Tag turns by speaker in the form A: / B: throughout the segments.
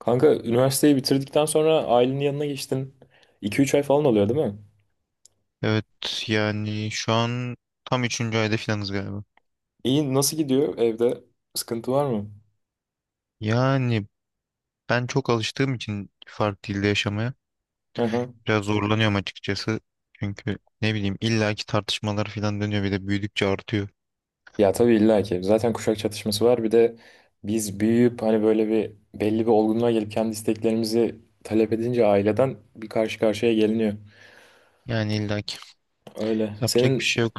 A: Kanka üniversiteyi bitirdikten sonra ailenin yanına geçtin. 2-3 ay falan oluyor, değil mi?
B: Evet, yani şu an tam üçüncü ayda filanız galiba.
A: İyi, nasıl gidiyor evde? Sıkıntı var mı?
B: Yani ben çok alıştığım için farklı dilde yaşamaya
A: Hı hı.
B: biraz zorlanıyorum açıkçası. Çünkü ne bileyim illaki tartışmalar filan dönüyor, bir de büyüdükçe artıyor.
A: Ya, tabii illa ki. Zaten kuşak çatışması var. Bir de biz büyüyüp hani böyle bir belli bir olgunluğa gelip kendi isteklerimizi talep edince aileden bir karşı karşıya geliniyor.
B: Yani illaki
A: Öyle.
B: yapacak bir
A: Senin
B: şey yok.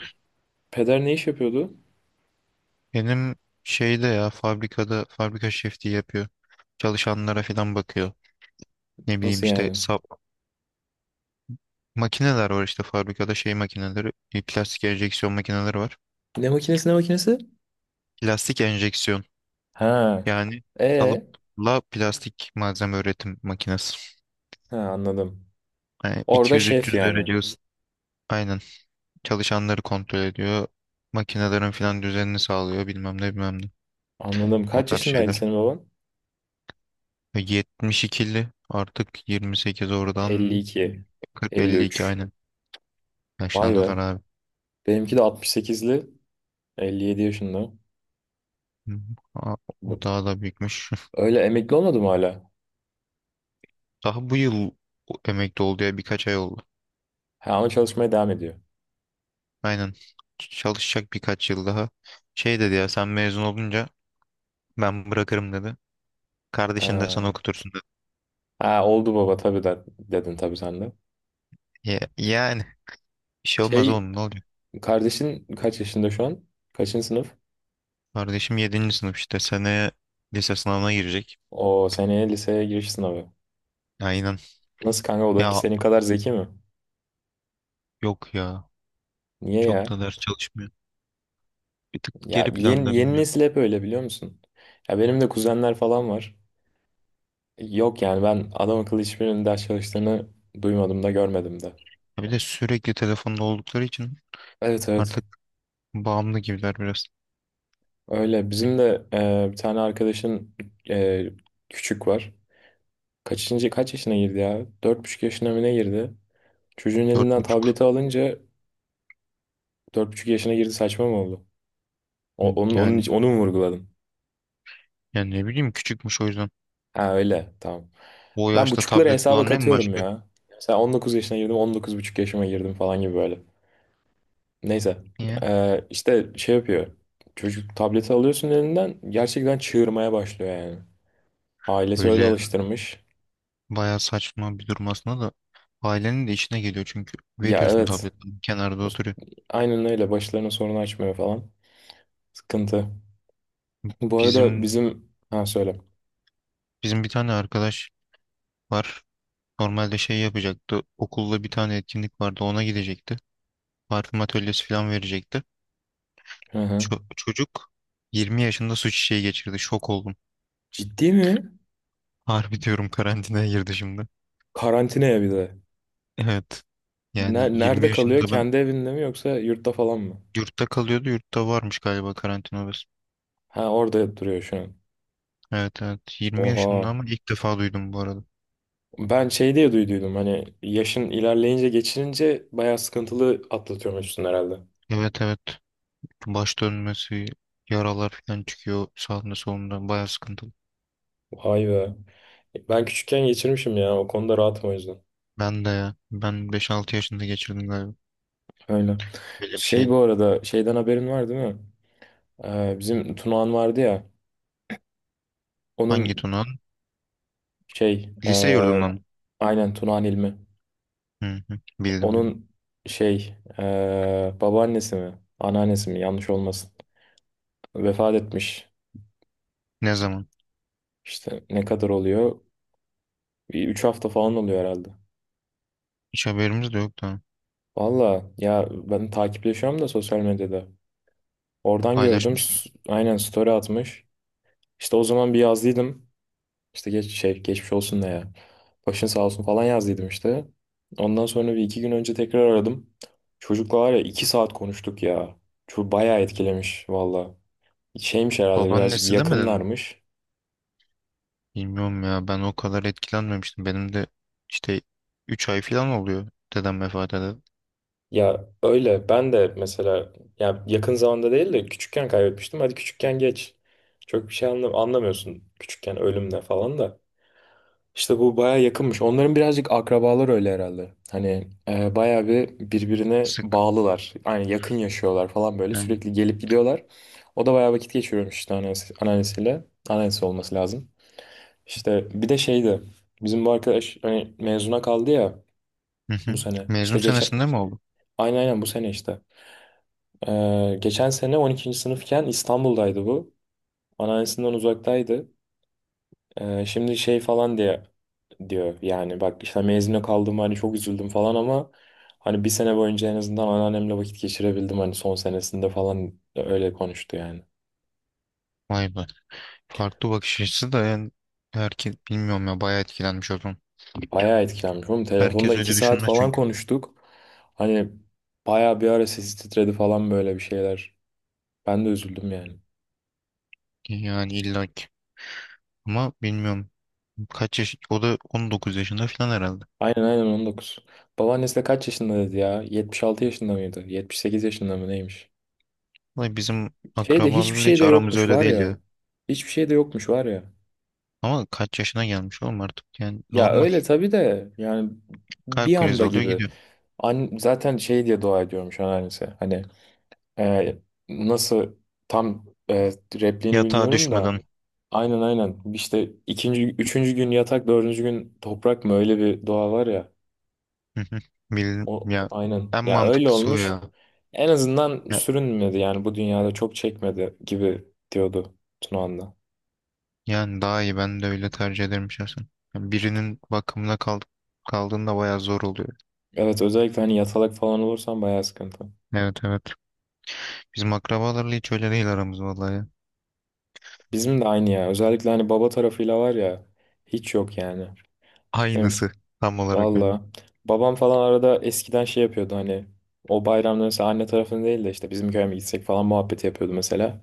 A: peder ne iş yapıyordu?
B: Benim şeyde ya fabrikada fabrika şefliği yapıyor. Çalışanlara filan bakıyor. Ne bileyim
A: Nasıl
B: işte
A: yani?
B: sap, makineler var işte fabrikada şey makineleri, plastik enjeksiyon makineleri var.
A: Ne makinesi, ne makinesi?
B: Plastik enjeksiyon.
A: Ha.
B: Yani
A: E.
B: kalıpla plastik malzeme üretim makinesi.
A: Ha, anladım.
B: Yani
A: Orada şef
B: 200-300
A: yani.
B: derece ısı. Aynen. Çalışanları kontrol ediyor. Makinelerin filan düzenini sağlıyor. Bilmem ne bilmem ne.
A: Anladım.
B: O
A: Kaç
B: tarz
A: yaşındaydı
B: şeyler.
A: senin baban?
B: Ve 72'li artık 28 oradan
A: 52,
B: 40-52
A: 53.
B: aynen.
A: Vay be.
B: Yaşlandılar abi.
A: Benimki de 68'li, 57 yaşında.
B: Hı hı. Aa, o
A: Bu.
B: daha da büyükmüş.
A: Öyle emekli olmadı mı hala?
B: Daha bu yıl emekli oldu ya, birkaç ay oldu.
A: Ha, ama çalışmaya devam ediyor.
B: Aynen. Çalışacak birkaç yıl daha. Şey dedi ya, sen mezun olunca ben bırakırım dedi. Kardeşin de sana
A: Ha,
B: okutursun da.
A: ha oldu baba, tabii de, dedin tabii sen de.
B: Ya, yani bir şey olmaz
A: Şey,
B: oğlum, ne oluyor?
A: kardeşin kaç yaşında şu an? Kaçıncı sınıf?
B: Kardeşim yedinci sınıf, işte seneye lise sınavına girecek.
A: O seneye liseye giriş sınavı.
B: Aynen.
A: Nasıl kanka, o da ki
B: Ya
A: senin kadar zeki mi?
B: yok ya,
A: Niye
B: çok
A: ya?
B: da ders çalışmıyor. Bir tık
A: Ya
B: geri
A: yeni,
B: planda,
A: yeni
B: bilmiyorum.
A: nesil hep öyle, biliyor musun? Ya benim de kuzenler falan var. Yok yani, ben adam akıllı hiçbirinin ders çalıştığını duymadım da görmedim de.
B: Ya bir de sürekli telefonda oldukları için
A: Evet, evet,
B: artık bağımlı gibiler biraz.
A: öyle. Bizim de bir tane arkadaşın e, küçük var. Kaç yaşına girdi ya? 4,5 yaşına mı ne girdi? Çocuğun
B: Dört
A: elinden
B: buçuk.
A: tableti alınca 4,5 yaşına girdi, saçma mı oldu? O, onun, onun,
B: Yani
A: için- onu mu vurguladın?
B: ne bileyim küçükmüş o yüzden.
A: Ha, öyle tamam.
B: O
A: Ben
B: yaşta
A: buçukları
B: tablet
A: hesaba
B: kullanmaya mı
A: katıyorum
B: başlıyor?
A: ya. Mesela 19 yaşına girdim, 19,5 yaşıma girdim falan gibi böyle. Neyse,
B: Niye?
A: işte şey yapıyor. Çocuk tableti alıyorsun elinden, gerçekten çığırmaya başlıyor yani. Ailesi öyle
B: Böyle
A: alıştırmış.
B: bayağı saçma bir durum aslında da, ailenin de işine geliyor çünkü
A: Ya
B: veriyorsun
A: evet,
B: tableti, kenarda oturuyor.
A: aynen öyle. Başlarına sorun açmıyor falan. Sıkıntı. Bu arada
B: Bizim
A: bizim... Ha, söyle.
B: Bizim bir tane arkadaş var. Normalde şey yapacaktı. Okulda bir tane etkinlik vardı. Ona gidecekti. Parfüm atölyesi falan verecekti.
A: Hı hı.
B: Çocuk 20 yaşında su çiçeği geçirdi. Şok oldum.
A: Ciddi mi?
B: Harbi diyorum, karantinaya girdi şimdi.
A: Karantinaya bir de.
B: Evet. Yani
A: Ne-
B: 20
A: Nerede kalıyor?
B: yaşında ben
A: Kendi evinde mi, yoksa yurtta falan mı?
B: yurtta kalıyordu. Yurtta varmış galiba karantina odası.
A: Ha, orada duruyor şu an.
B: Evet, evet. 20 yaşında,
A: Oha.
B: ama ilk defa duydum bu arada.
A: Ben şey diye duyduydum, hani yaşın ilerleyince geçirince bayağı sıkıntılı atlatıyormuşsun herhalde.
B: Evet, evet. Baş dönmesi, yaralar falan çıkıyor sağında solunda. Baya sıkıntılı.
A: Vay be. Ben küçükken geçirmişim ya, o konuda rahatım o yüzden.
B: Ben de ya. Ben 5-6 yaşında geçirdim galiba.
A: Öyle.
B: Böyle bir
A: Şey,
B: şey.
A: bu arada şeyden haberin var değil mi? Bizim Tunağan vardı ya.
B: Hangi
A: Onun
B: tunağın?
A: şey
B: Lise
A: e,
B: yurdundan mı?
A: aynen Tuna'nın ilmi.
B: Hı hı, bildim bildim.
A: Onun şey e, babaannesi mi, anneannesi mi? Yanlış olmasın. Vefat etmiş.
B: Ne zaman?
A: İşte ne kadar oluyor? 3 hafta falan oluyor herhalde.
B: Hiç haberimiz de yok da.
A: Valla ya, ben takipleşiyorum da sosyal medyada. Oradan gördüm.
B: Paylaşmış mı?
A: Aynen, story atmış. İşte o zaman bir yazdıydım. İşte geç şey, geçmiş olsun ne ya. Başın sağ olsun falan yazdıydım işte. Ondan sonra bir iki gün önce tekrar aradım. Çocukla var ya, 2 saat konuştuk ya. Çok bayağı etkilemiş valla. Şeymiş herhalde, birazcık
B: Babaannesi demedin mi?
A: yakınlarmış.
B: Bilmiyorum ya, ben o kadar etkilenmemiştim. Benim de işte 3 ay falan oluyor dedem vefat edeli.
A: Ya öyle, ben de mesela ya, yakın zamanda değil de küçükken kaybetmiştim. Hadi küçükken geç. Çok bir şey anlamıyorsun küçükken ölümle falan da. İşte bu baya yakınmış. Onların birazcık akrabalar öyle herhalde. Hani baya bir birbirine
B: Sık
A: bağlılar. Yani yakın yaşıyorlar falan böyle.
B: yani.
A: Sürekli gelip gidiyorlar. O da baya vakit geçiriyormuş işte, anneannesiyle. Anneannesi olması lazım. İşte bir de şeydi. Bizim bu arkadaş hani mezuna kaldı ya
B: Hı
A: bu
B: hı.
A: sene.
B: Mezun
A: İşte
B: senesinde mi oldu?
A: aynen, aynen bu sene işte. Geçen sene 12. sınıfken İstanbul'daydı bu. Anneannesinden uzaktaydı. Şimdi şey falan diye diyor yani, bak işte, hani mezuna kaldım, hani çok üzüldüm falan ama hani bir sene boyunca en azından anneannemle vakit geçirebildim, hani son senesinde falan öyle konuştu yani.
B: Vay be. Farklı bakış açısı da yani, herkes bilmiyorum ya, bayağı etkilenmiş o zaman.
A: Bayağı etkilenmiş oğlum, telefonda
B: Herkes
A: iki
B: öyle
A: saat
B: düşünmez
A: falan
B: çünkü.
A: konuştuk. Hani bayağı bir ara sesi titredi falan, böyle bir şeyler. Ben de üzüldüm yani.
B: Yani illaki. Ama bilmiyorum. Kaç yaş? O da 19 yaşında falan herhalde.
A: Aynen, aynen 19. Babaannesi de kaç yaşında dedi ya? 76 yaşında mıydı, 78 yaşında mı neymiş?
B: Vay, bizim
A: Şey de hiçbir
B: akrabalarla
A: şey
B: hiç
A: de
B: aramız
A: yokmuş
B: öyle
A: var
B: değil ya.
A: ya. Hiçbir şey de yokmuş var ya.
B: Ama kaç yaşına gelmiş oğlum, artık yani
A: Ya
B: normal.
A: öyle tabii de, yani bir
B: Kalp krizi
A: anda
B: oluyor
A: gibi.
B: gidiyor.
A: An zaten şey diye dua ediyorum şu an annesi. Hani, e, nasıl tam, repliğini
B: Yatağa
A: bilmiyorum da
B: düşmeden.
A: aynen, aynen işte, ikinci üçüncü gün yatak, dördüncü gün toprak mı, öyle bir dua var ya.
B: Hı hı.
A: O
B: Ya
A: aynen
B: en
A: ya, öyle
B: mantıklısı o
A: olmuş.
B: ya.
A: En azından
B: Ya-
A: sürünmedi yani, bu dünyada çok çekmedi gibi diyordu Tunağan'da.
B: Yani daha iyi, ben de öyle tercih ederim şahsen. Yani birinin bakımına kaldığında bayağı zor oluyor.
A: Evet, özellikle hani yatalak falan olursam bayağı sıkıntı.
B: Evet, evet. Bizim akrabalarla hiç öyle değil aramız vallahi ya.
A: Bizim de aynı ya. Özellikle hani baba tarafıyla var ya, hiç yok yani. Yani
B: Aynısı tam olarak öyle.
A: valla. Babam falan arada eskiden şey yapıyordu, hani o bayramda mesela anne tarafını değil de işte bizim köye mi gitsek falan muhabbeti yapıyordu mesela.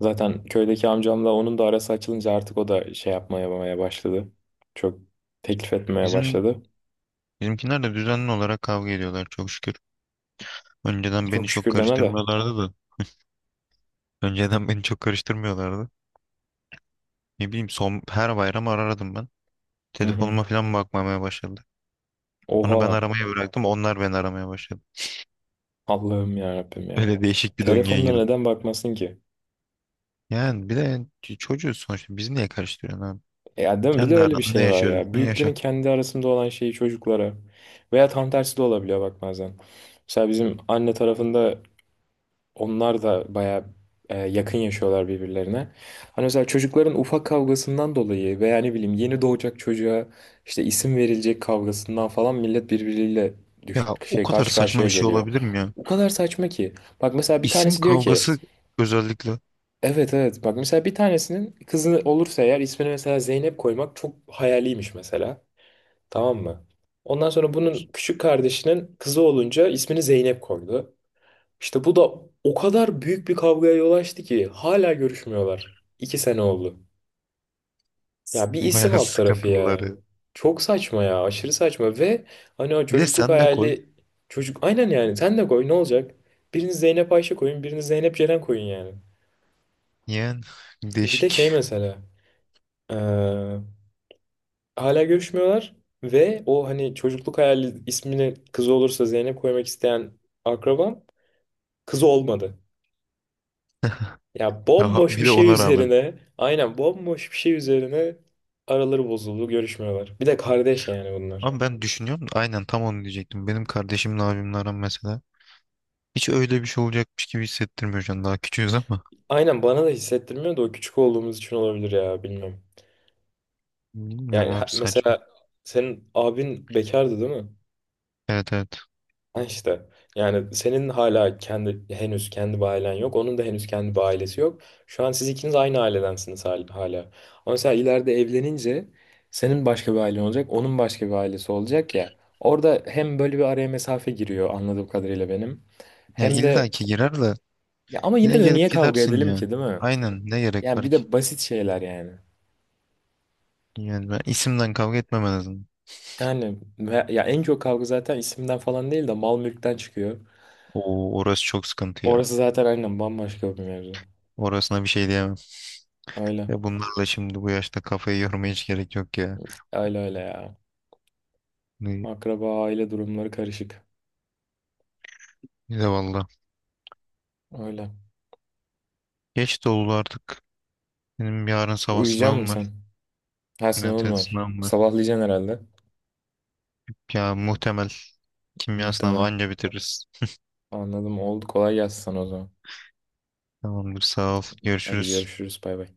A: Zaten köydeki amcamla onun da arası açılınca artık o da şey yapmaya yapmaya başladı. Çok teklif etmeye
B: Bizim
A: başladı.
B: bizimkiler de düzenli olarak kavga ediyorlar çok şükür. Önceden beni
A: Çok
B: çok
A: şükür deme de.
B: karıştırmıyorlardı da. Önceden beni çok karıştırmıyorlardı. Ne bileyim, son her bayram arardım ben.
A: Hı hı.
B: Telefonuma falan bakmamaya başladı. Sonra ben
A: Oha.
B: aramayı bıraktım. Onlar beni aramaya başladı.
A: Allah'ım ya Rabbim ya.
B: Öyle değişik bir döngüye
A: Telefonuna
B: girdim.
A: neden bakmasın ki?
B: Yani bir de yani çocuğuz sonuçta. Biz niye karıştırıyorsun abi?
A: Ya değil mi? Bir de
B: Kendi
A: öyle bir
B: aranda ne
A: şey var
B: yaşıyorsun?
A: ya.
B: Ne yaşa.
A: Büyüklerin kendi arasında olan şeyi çocuklara veya tam tersi de olabiliyor bak bazen. Mesela bizim anne tarafında onlar da bayağı yakın yaşıyorlar birbirlerine. Hani mesela çocukların ufak kavgasından dolayı veya ne bileyim yeni doğacak çocuğa işte isim verilecek kavgasından falan, millet birbiriyle düş
B: Ya o
A: şey
B: kadar
A: karşı
B: saçma
A: karşıya
B: bir şey
A: geliyor.
B: olabilir mi ya?
A: O kadar saçma ki. Bak mesela bir
B: İsim
A: tanesi diyor ki,
B: kavgası özellikle
A: evet, evet, bak mesela bir tanesinin kızı olursa eğer ismini mesela Zeynep koymak çok hayaliymiş mesela. Tamam mı? Ondan sonra bunun küçük kardeşinin kızı olunca ismini Zeynep koydu. İşte bu da o kadar büyük bir kavgaya yol açtı ki hala görüşmüyorlar. 2 sene oldu. Ya bir isim
B: bayağı
A: alt tarafı ya.
B: sıkıntılıları.
A: Çok saçma ya, aşırı saçma ve hani o
B: Bir de
A: çocukluk
B: sen de koy.
A: hayali çocuk, aynen yani sen de koy, ne olacak? Biriniz Zeynep Ayşe koyun, biriniz Zeynep Ceren koyun yani.
B: Yani
A: Bir de şey
B: değişik.
A: mesela. Hala görüşmüyorlar ve o hani çocukluk hayali, ismini kızı olursa Zeynep koymak isteyen akrabam kızı olmadı. Ya
B: Ya
A: bomboş
B: bir
A: bir
B: de
A: şey
B: ona rağmen.
A: üzerine, aynen bomboş bir şey üzerine araları bozuldu, görüşmüyorlar. Bir de kardeş yani bunlar.
B: Ama ben düşünüyorum da aynen tam onu diyecektim. Benim kardeşimle abimle aram mesela. Hiç öyle bir şey olacakmış gibi hissettirmiyor şu an. Daha küçüğüz ama.
A: Aynen, bana da hissettirmiyor da o küçük olduğumuz için olabilir ya, bilmiyorum.
B: Bilmiyorum
A: Yani
B: abi, saçma.
A: mesela senin abin bekardı değil mi?
B: Evet, evet.
A: Ha işte, yani senin hala kendi henüz kendi bir ailen yok. Onun da henüz kendi bir ailesi yok. Şu an siz ikiniz aynı ailedensiniz hala. Ama mesela ileride evlenince senin başka bir ailen olacak. Onun başka bir ailesi olacak ya. Orada hem böyle bir araya mesafe giriyor anladığım kadarıyla benim.
B: Ya
A: Hem
B: illa
A: de
B: ki girer de
A: ya, ama yine
B: yine
A: de
B: gelip
A: niye kavga
B: gidersin
A: edelim
B: ya.
A: ki, değil mi?
B: Aynen, ne gerek
A: Yani
B: var
A: bir
B: ki?
A: de basit şeyler yani.
B: Yani ben isimden kavga etmem en azından.
A: Yani ya en çok kavga zaten isimden falan değil de mal mülkten çıkıyor.
B: Oo, orası çok sıkıntı ya.
A: Orası zaten aynen bambaşka bir mevzu.
B: Orasına bir şey diyemem.
A: Öyle.
B: Ya bunlarla şimdi bu yaşta kafayı yormaya hiç gerek yok ya.
A: Öyle öyle ya.
B: Ne,
A: Akraba aile durumları karışık.
B: ne valla.
A: Öyle.
B: Geç de oldu artık. Benim yarın sabah
A: Uyuyacak mısın
B: sınavım var.
A: sen? Her
B: Evet,
A: sınavın
B: evet
A: var.
B: sınavım var.
A: Sabahlayacaksın herhalde.
B: Ya muhtemel kimya sınavı
A: Muhtemelen.
B: anca bitiririz.
A: Anladım. Oldu. Kolay gelsin sana o zaman.
B: Tamamdır, sağ ol.
A: Hadi
B: Görüşürüz.
A: görüşürüz. Bay bay.